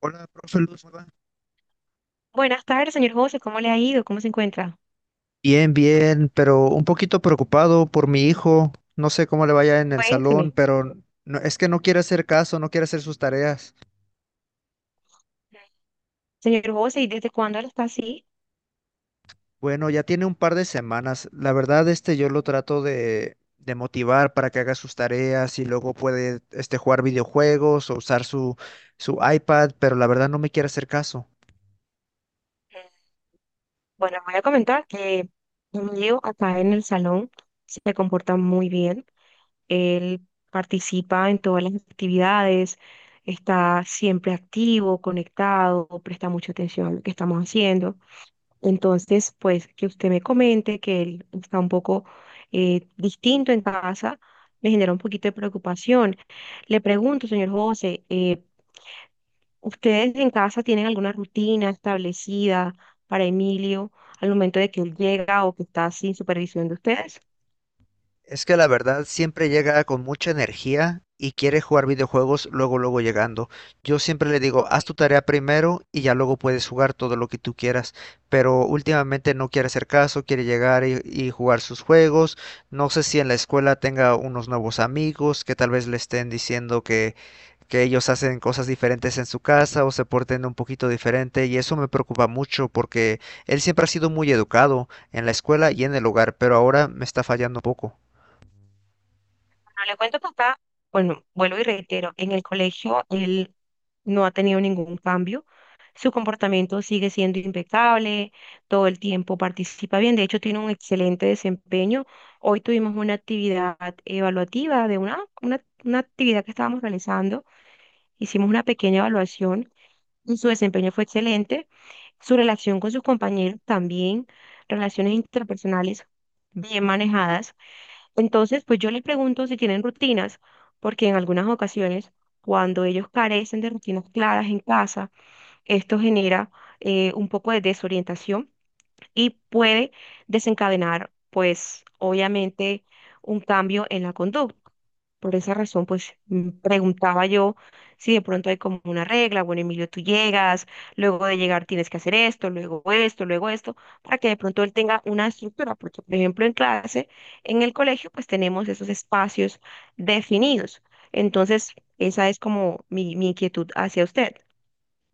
Hola, profe Luz, ¿cómo? Buenas tardes, señor José. ¿Cómo le ha ido? ¿Cómo se encuentra? Bien, bien, pero un poquito preocupado por mi hijo. No sé cómo le vaya en el Cuénteme. salón, pero es que no quiere hacer caso, no quiere hacer sus tareas. Señor José, ¿y desde cuándo él está así? Bueno, ya tiene un par de semanas. La verdad, yo lo trato de motivar para que haga sus tareas y luego puede, jugar videojuegos o usar su iPad, pero la verdad no me quiere hacer caso. Bueno, voy a comentar que Emilio acá en el salón se comporta muy bien. Él participa en todas las actividades, está siempre activo, conectado, presta mucha atención a lo que estamos haciendo. Entonces, pues que usted me comente que él está un poco distinto en casa, me genera un poquito de preocupación. Le pregunto, señor José, ¿ustedes en casa tienen alguna rutina establecida para Emilio al momento de que él llega o que está sin supervisión de ustedes? Es que la verdad siempre llega con mucha energía y quiere jugar videojuegos luego, luego llegando. Yo siempre le digo, Ok. haz tu tarea primero y ya luego puedes jugar todo lo que tú quieras. Pero últimamente no quiere hacer caso, quiere llegar y jugar sus juegos. No sé si en la escuela tenga unos nuevos amigos que tal vez le estén diciendo que ellos hacen cosas diferentes en su casa o se porten un poquito diferente. Y eso me preocupa mucho porque él siempre ha sido muy educado en la escuela y en el hogar, pero ahora me está fallando un poco. Pero le cuento a papá, bueno, vuelvo y reitero, en el colegio él no ha tenido ningún cambio, su comportamiento sigue siendo impecable, todo el tiempo participa bien, de hecho tiene un excelente desempeño. Hoy tuvimos una actividad evaluativa de una actividad que estábamos realizando, hicimos una pequeña evaluación y su desempeño fue excelente, su relación con sus compañeros también, relaciones interpersonales bien manejadas. Entonces, pues yo les pregunto si tienen rutinas, porque en algunas ocasiones, cuando ellos carecen de rutinas claras en casa, esto genera un poco de desorientación y puede desencadenar, pues, obviamente, un cambio en la conducta. Por esa razón, pues preguntaba yo si de pronto hay como una regla, bueno, Emilio, tú llegas, luego de llegar tienes que hacer esto, luego esto, luego esto, para que de pronto él tenga una estructura, porque por ejemplo en clase, en el colegio, pues tenemos esos espacios definidos. Entonces, esa es como mi inquietud hacia usted.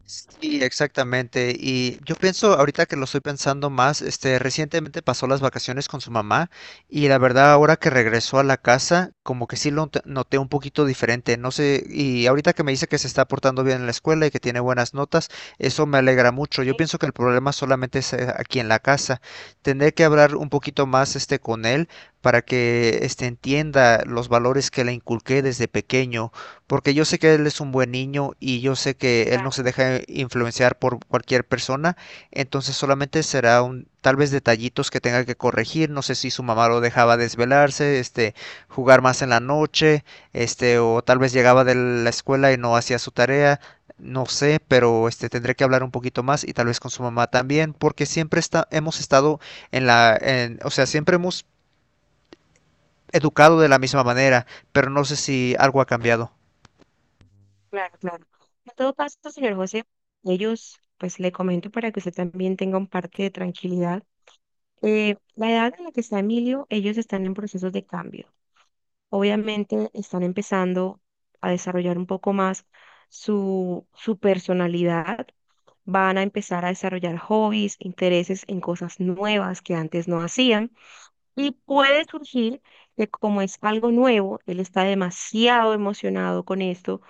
Sí, exactamente. Y yo pienso, ahorita que lo estoy pensando más, recientemente pasó las vacaciones con su mamá, y la verdad ahora que regresó a la casa, como que sí lo noté un poquito diferente. No sé, y ahorita que me dice que se está portando bien en la escuela y que tiene buenas notas, eso me alegra mucho. Yo Sí, pienso que el problema solamente es aquí en la casa. Tendré que hablar un poquito más, con él para que entienda los valores que le inculqué desde pequeño, porque yo sé que él es un buen niño y yo sé que él no claro, se deja influenciar por cualquier persona. Entonces solamente será un tal vez detallitos que tenga que corregir. No sé si su mamá lo dejaba desvelarse, jugar más en la noche, o tal vez llegaba de la escuela y no hacía su tarea. No sé, pero tendré que hablar un poquito más, y tal vez con su mamá también, porque siempre hemos estado o sea, siempre hemos educado de la misma manera, pero no sé si algo ha cambiado. claro, claro. En todo caso, señor José, ellos, pues le comento para que usted también tenga un parte de tranquilidad. La edad en la que está Emilio, ellos están en procesos de cambio. Obviamente están empezando a desarrollar un poco más su personalidad, van a empezar a desarrollar hobbies, intereses en cosas nuevas que antes no hacían. Y puede surgir que como es algo nuevo, él está demasiado emocionado con esto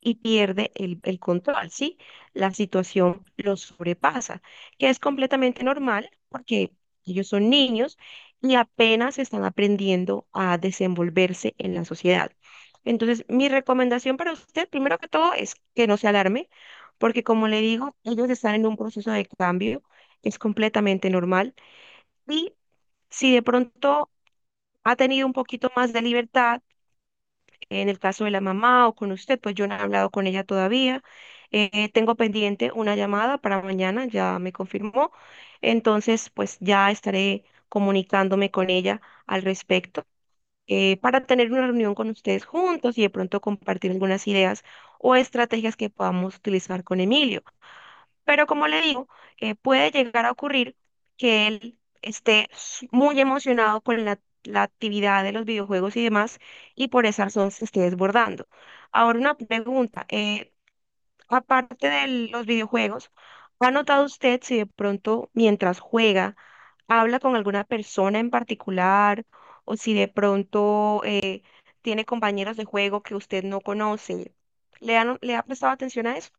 y pierde el control, ¿sí? La situación lo sobrepasa, que es completamente normal porque ellos son niños y apenas están aprendiendo a desenvolverse en la sociedad. Entonces, mi recomendación para usted, primero que todo, es que no se alarme, porque como le digo, ellos están en un proceso de cambio, es completamente normal y si de pronto ha tenido un poquito más de libertad en el caso de la mamá o con usted, pues yo no he hablado con ella todavía. Tengo pendiente una llamada para mañana, ya me confirmó. Entonces, pues ya estaré comunicándome con ella al respecto para tener una reunión con ustedes juntos y de pronto compartir algunas ideas o estrategias que podamos utilizar con Emilio. Pero como le digo, puede llegar a ocurrir que él esté muy emocionado con la actividad de los videojuegos y demás, y por esa razón se esté desbordando. Ahora una pregunta, aparte de los videojuegos, ¿ha notado usted si de pronto mientras juega habla con alguna persona en particular o si de pronto tiene compañeros de juego que usted no conoce? ¿Le ha prestado atención a eso?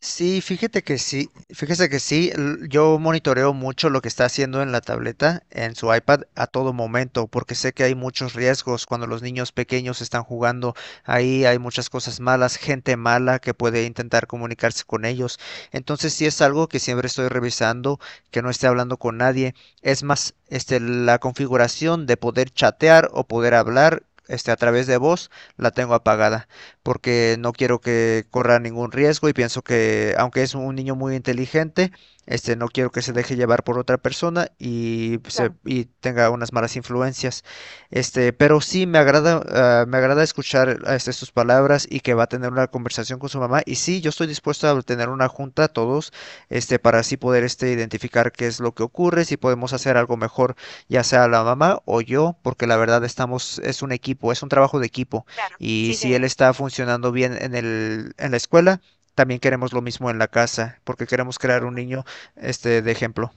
Sí, fíjate que sí, fíjese que sí, yo monitoreo mucho lo que está haciendo en la tableta, en su iPad a todo momento, porque sé que hay muchos riesgos cuando los niños pequeños están jugando ahí. Hay muchas cosas malas, gente mala que puede intentar comunicarse con ellos. Entonces sí es algo que siempre estoy revisando, que no esté hablando con nadie. Es más, la configuración de poder chatear o poder hablar, a través de voz, la tengo apagada porque no quiero que corra ningún riesgo, y pienso que, aunque es un niño muy inteligente, no quiero que se deje llevar por otra persona y, se- Claro, y tenga unas malas influencias. Pero sí me agrada escuchar, sus palabras, y que va a tener una conversación con su mamá. Y sí, yo estoy dispuesto a tener una junta todos, para así poder, identificar qué es lo que ocurre, si podemos hacer algo mejor, ya sea la mamá o yo, porque la verdad estamos, es un equipo, es un trabajo de equipo. claro, Y sí, si él señor. está funcionando bien en la escuela, también queremos lo mismo en la casa, porque queremos crear un niño, de ejemplo.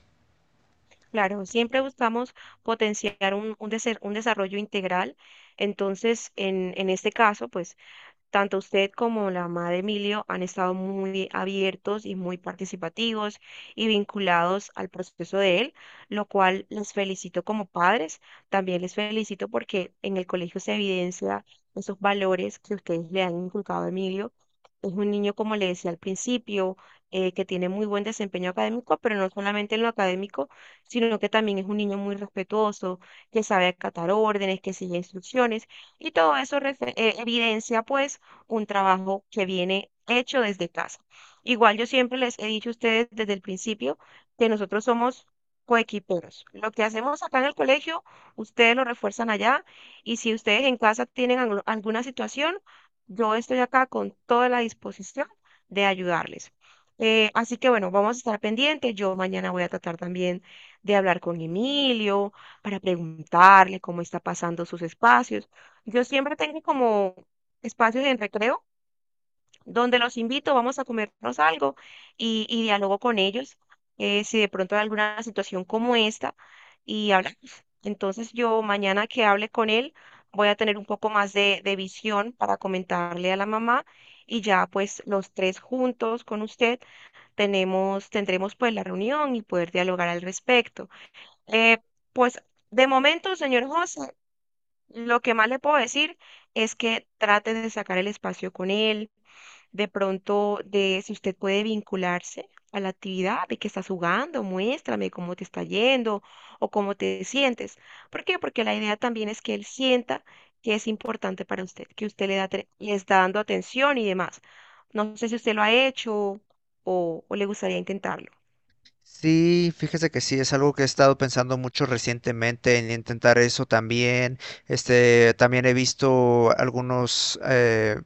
Claro, siempre buscamos potenciar un desarrollo integral. Entonces, en este caso, pues tanto usted como la mamá de Emilio han estado muy abiertos y muy participativos y vinculados al proceso de él, lo cual les felicito como padres. También les felicito porque en el colegio se evidencia esos valores que ustedes le han inculcado a Emilio. Es un niño, como le decía al principio, que tiene muy buen desempeño académico, pero no solamente en lo académico, sino que también es un niño muy respetuoso, que sabe acatar órdenes, que sigue instrucciones, y todo eso evidencia, pues, un trabajo que viene hecho desde casa. Igual yo siempre les he dicho a ustedes desde el principio que nosotros somos coequiperos. Lo que hacemos acá en el colegio, ustedes lo refuerzan allá y si ustedes en casa tienen alguna situación, yo estoy acá con toda la disposición de ayudarles. Así que bueno, vamos a estar pendientes. Yo mañana voy a tratar también de hablar con Emilio para preguntarle cómo está pasando sus espacios. Yo siempre tengo como espacios en recreo donde los invito, vamos a comernos algo y dialogo con ellos si de pronto hay alguna situación como esta y hablamos. Entonces yo mañana que hable con él voy a tener un poco más de visión para comentarle a la mamá y ya pues los tres juntos con usted tenemos, tendremos pues la reunión y poder dialogar al respecto. Eh, pues de momento, señor José, lo que más le puedo decir es que trate de sacar el espacio con él de pronto, de si usted puede vincularse a la actividad de que estás jugando, muéstrame cómo te está yendo o cómo te sientes. ¿Por qué? Porque la idea también es que él sienta que es importante para usted, que usted le da, le está dando atención y demás. No sé si usted lo ha hecho o le gustaría intentarlo. Sí, fíjese que sí, es algo que he estado pensando mucho recientemente en intentar eso también. También he visto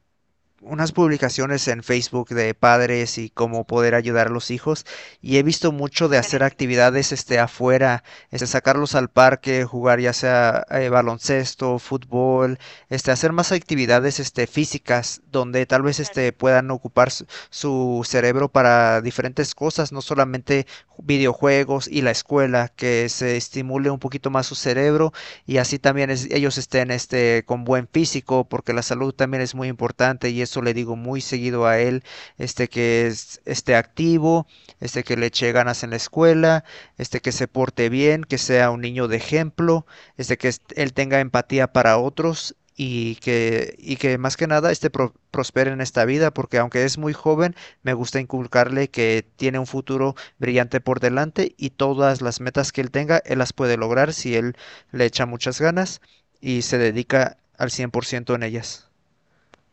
unas publicaciones en Facebook de padres y cómo poder ayudar a los hijos, y he visto mucho de hacer Excelente, actividades afuera, sacarlos al parque, jugar ya sea baloncesto, fútbol, hacer más actividades físicas donde tal vez claro, puedan ocupar su cerebro para diferentes cosas, no solamente videojuegos y la escuela, que se estimule un poquito más su cerebro, y así también ellos estén, con buen físico, porque la salud también es muy importante, y eso le digo muy seguido a él, que esté activo, que le eche ganas en la escuela, que se porte bien, que sea un niño de ejemplo, que él tenga empatía para otros. Y que más que nada prospere en esta vida, porque aunque es muy joven, me gusta inculcarle que tiene un futuro brillante por delante, y todas las metas que él tenga, él las puede lograr si él le echa muchas ganas y se dedica al 100% en ellas.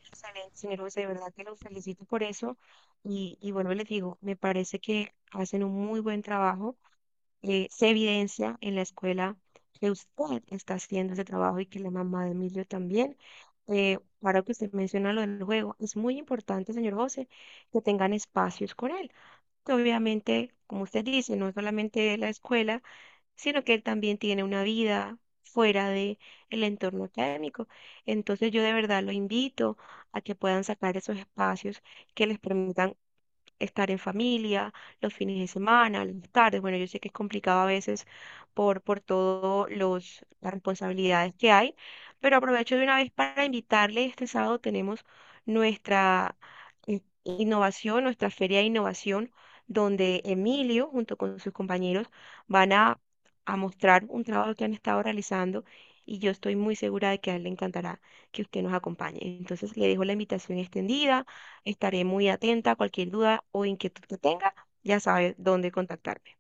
excelente, señor José, de verdad que lo felicito por eso. Y bueno, les digo, me parece que hacen un muy buen trabajo se evidencia en la escuela que usted está haciendo ese trabajo y que la mamá de Emilio también. Ahora que usted menciona lo del juego, es muy importante, señor José, que tengan espacios con él. Que obviamente, como usted dice, no solamente la escuela, sino que él también tiene una vida fuera de el entorno académico. Entonces yo de verdad lo invito a que puedan sacar esos espacios que les permitan estar en familia, los fines de semana, las tardes. Bueno, yo sé que es complicado a veces por todas los las responsabilidades que hay, pero aprovecho de una vez para invitarle. Este sábado tenemos nuestra innovación, nuestra feria de innovación, donde Emilio, junto con sus compañeros, van a mostrar un trabajo que han estado realizando. Y yo estoy muy segura de que a él le encantará que usted nos acompañe. Entonces le dejo la invitación extendida. Estaré muy atenta a cualquier duda o inquietud que tenga. Ya sabes dónde contactarme.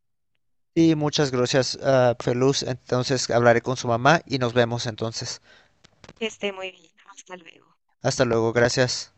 Y muchas gracias, Feluz. Entonces hablaré con su mamá y nos vemos entonces. Que esté muy bien. Hasta luego. Hasta luego, gracias.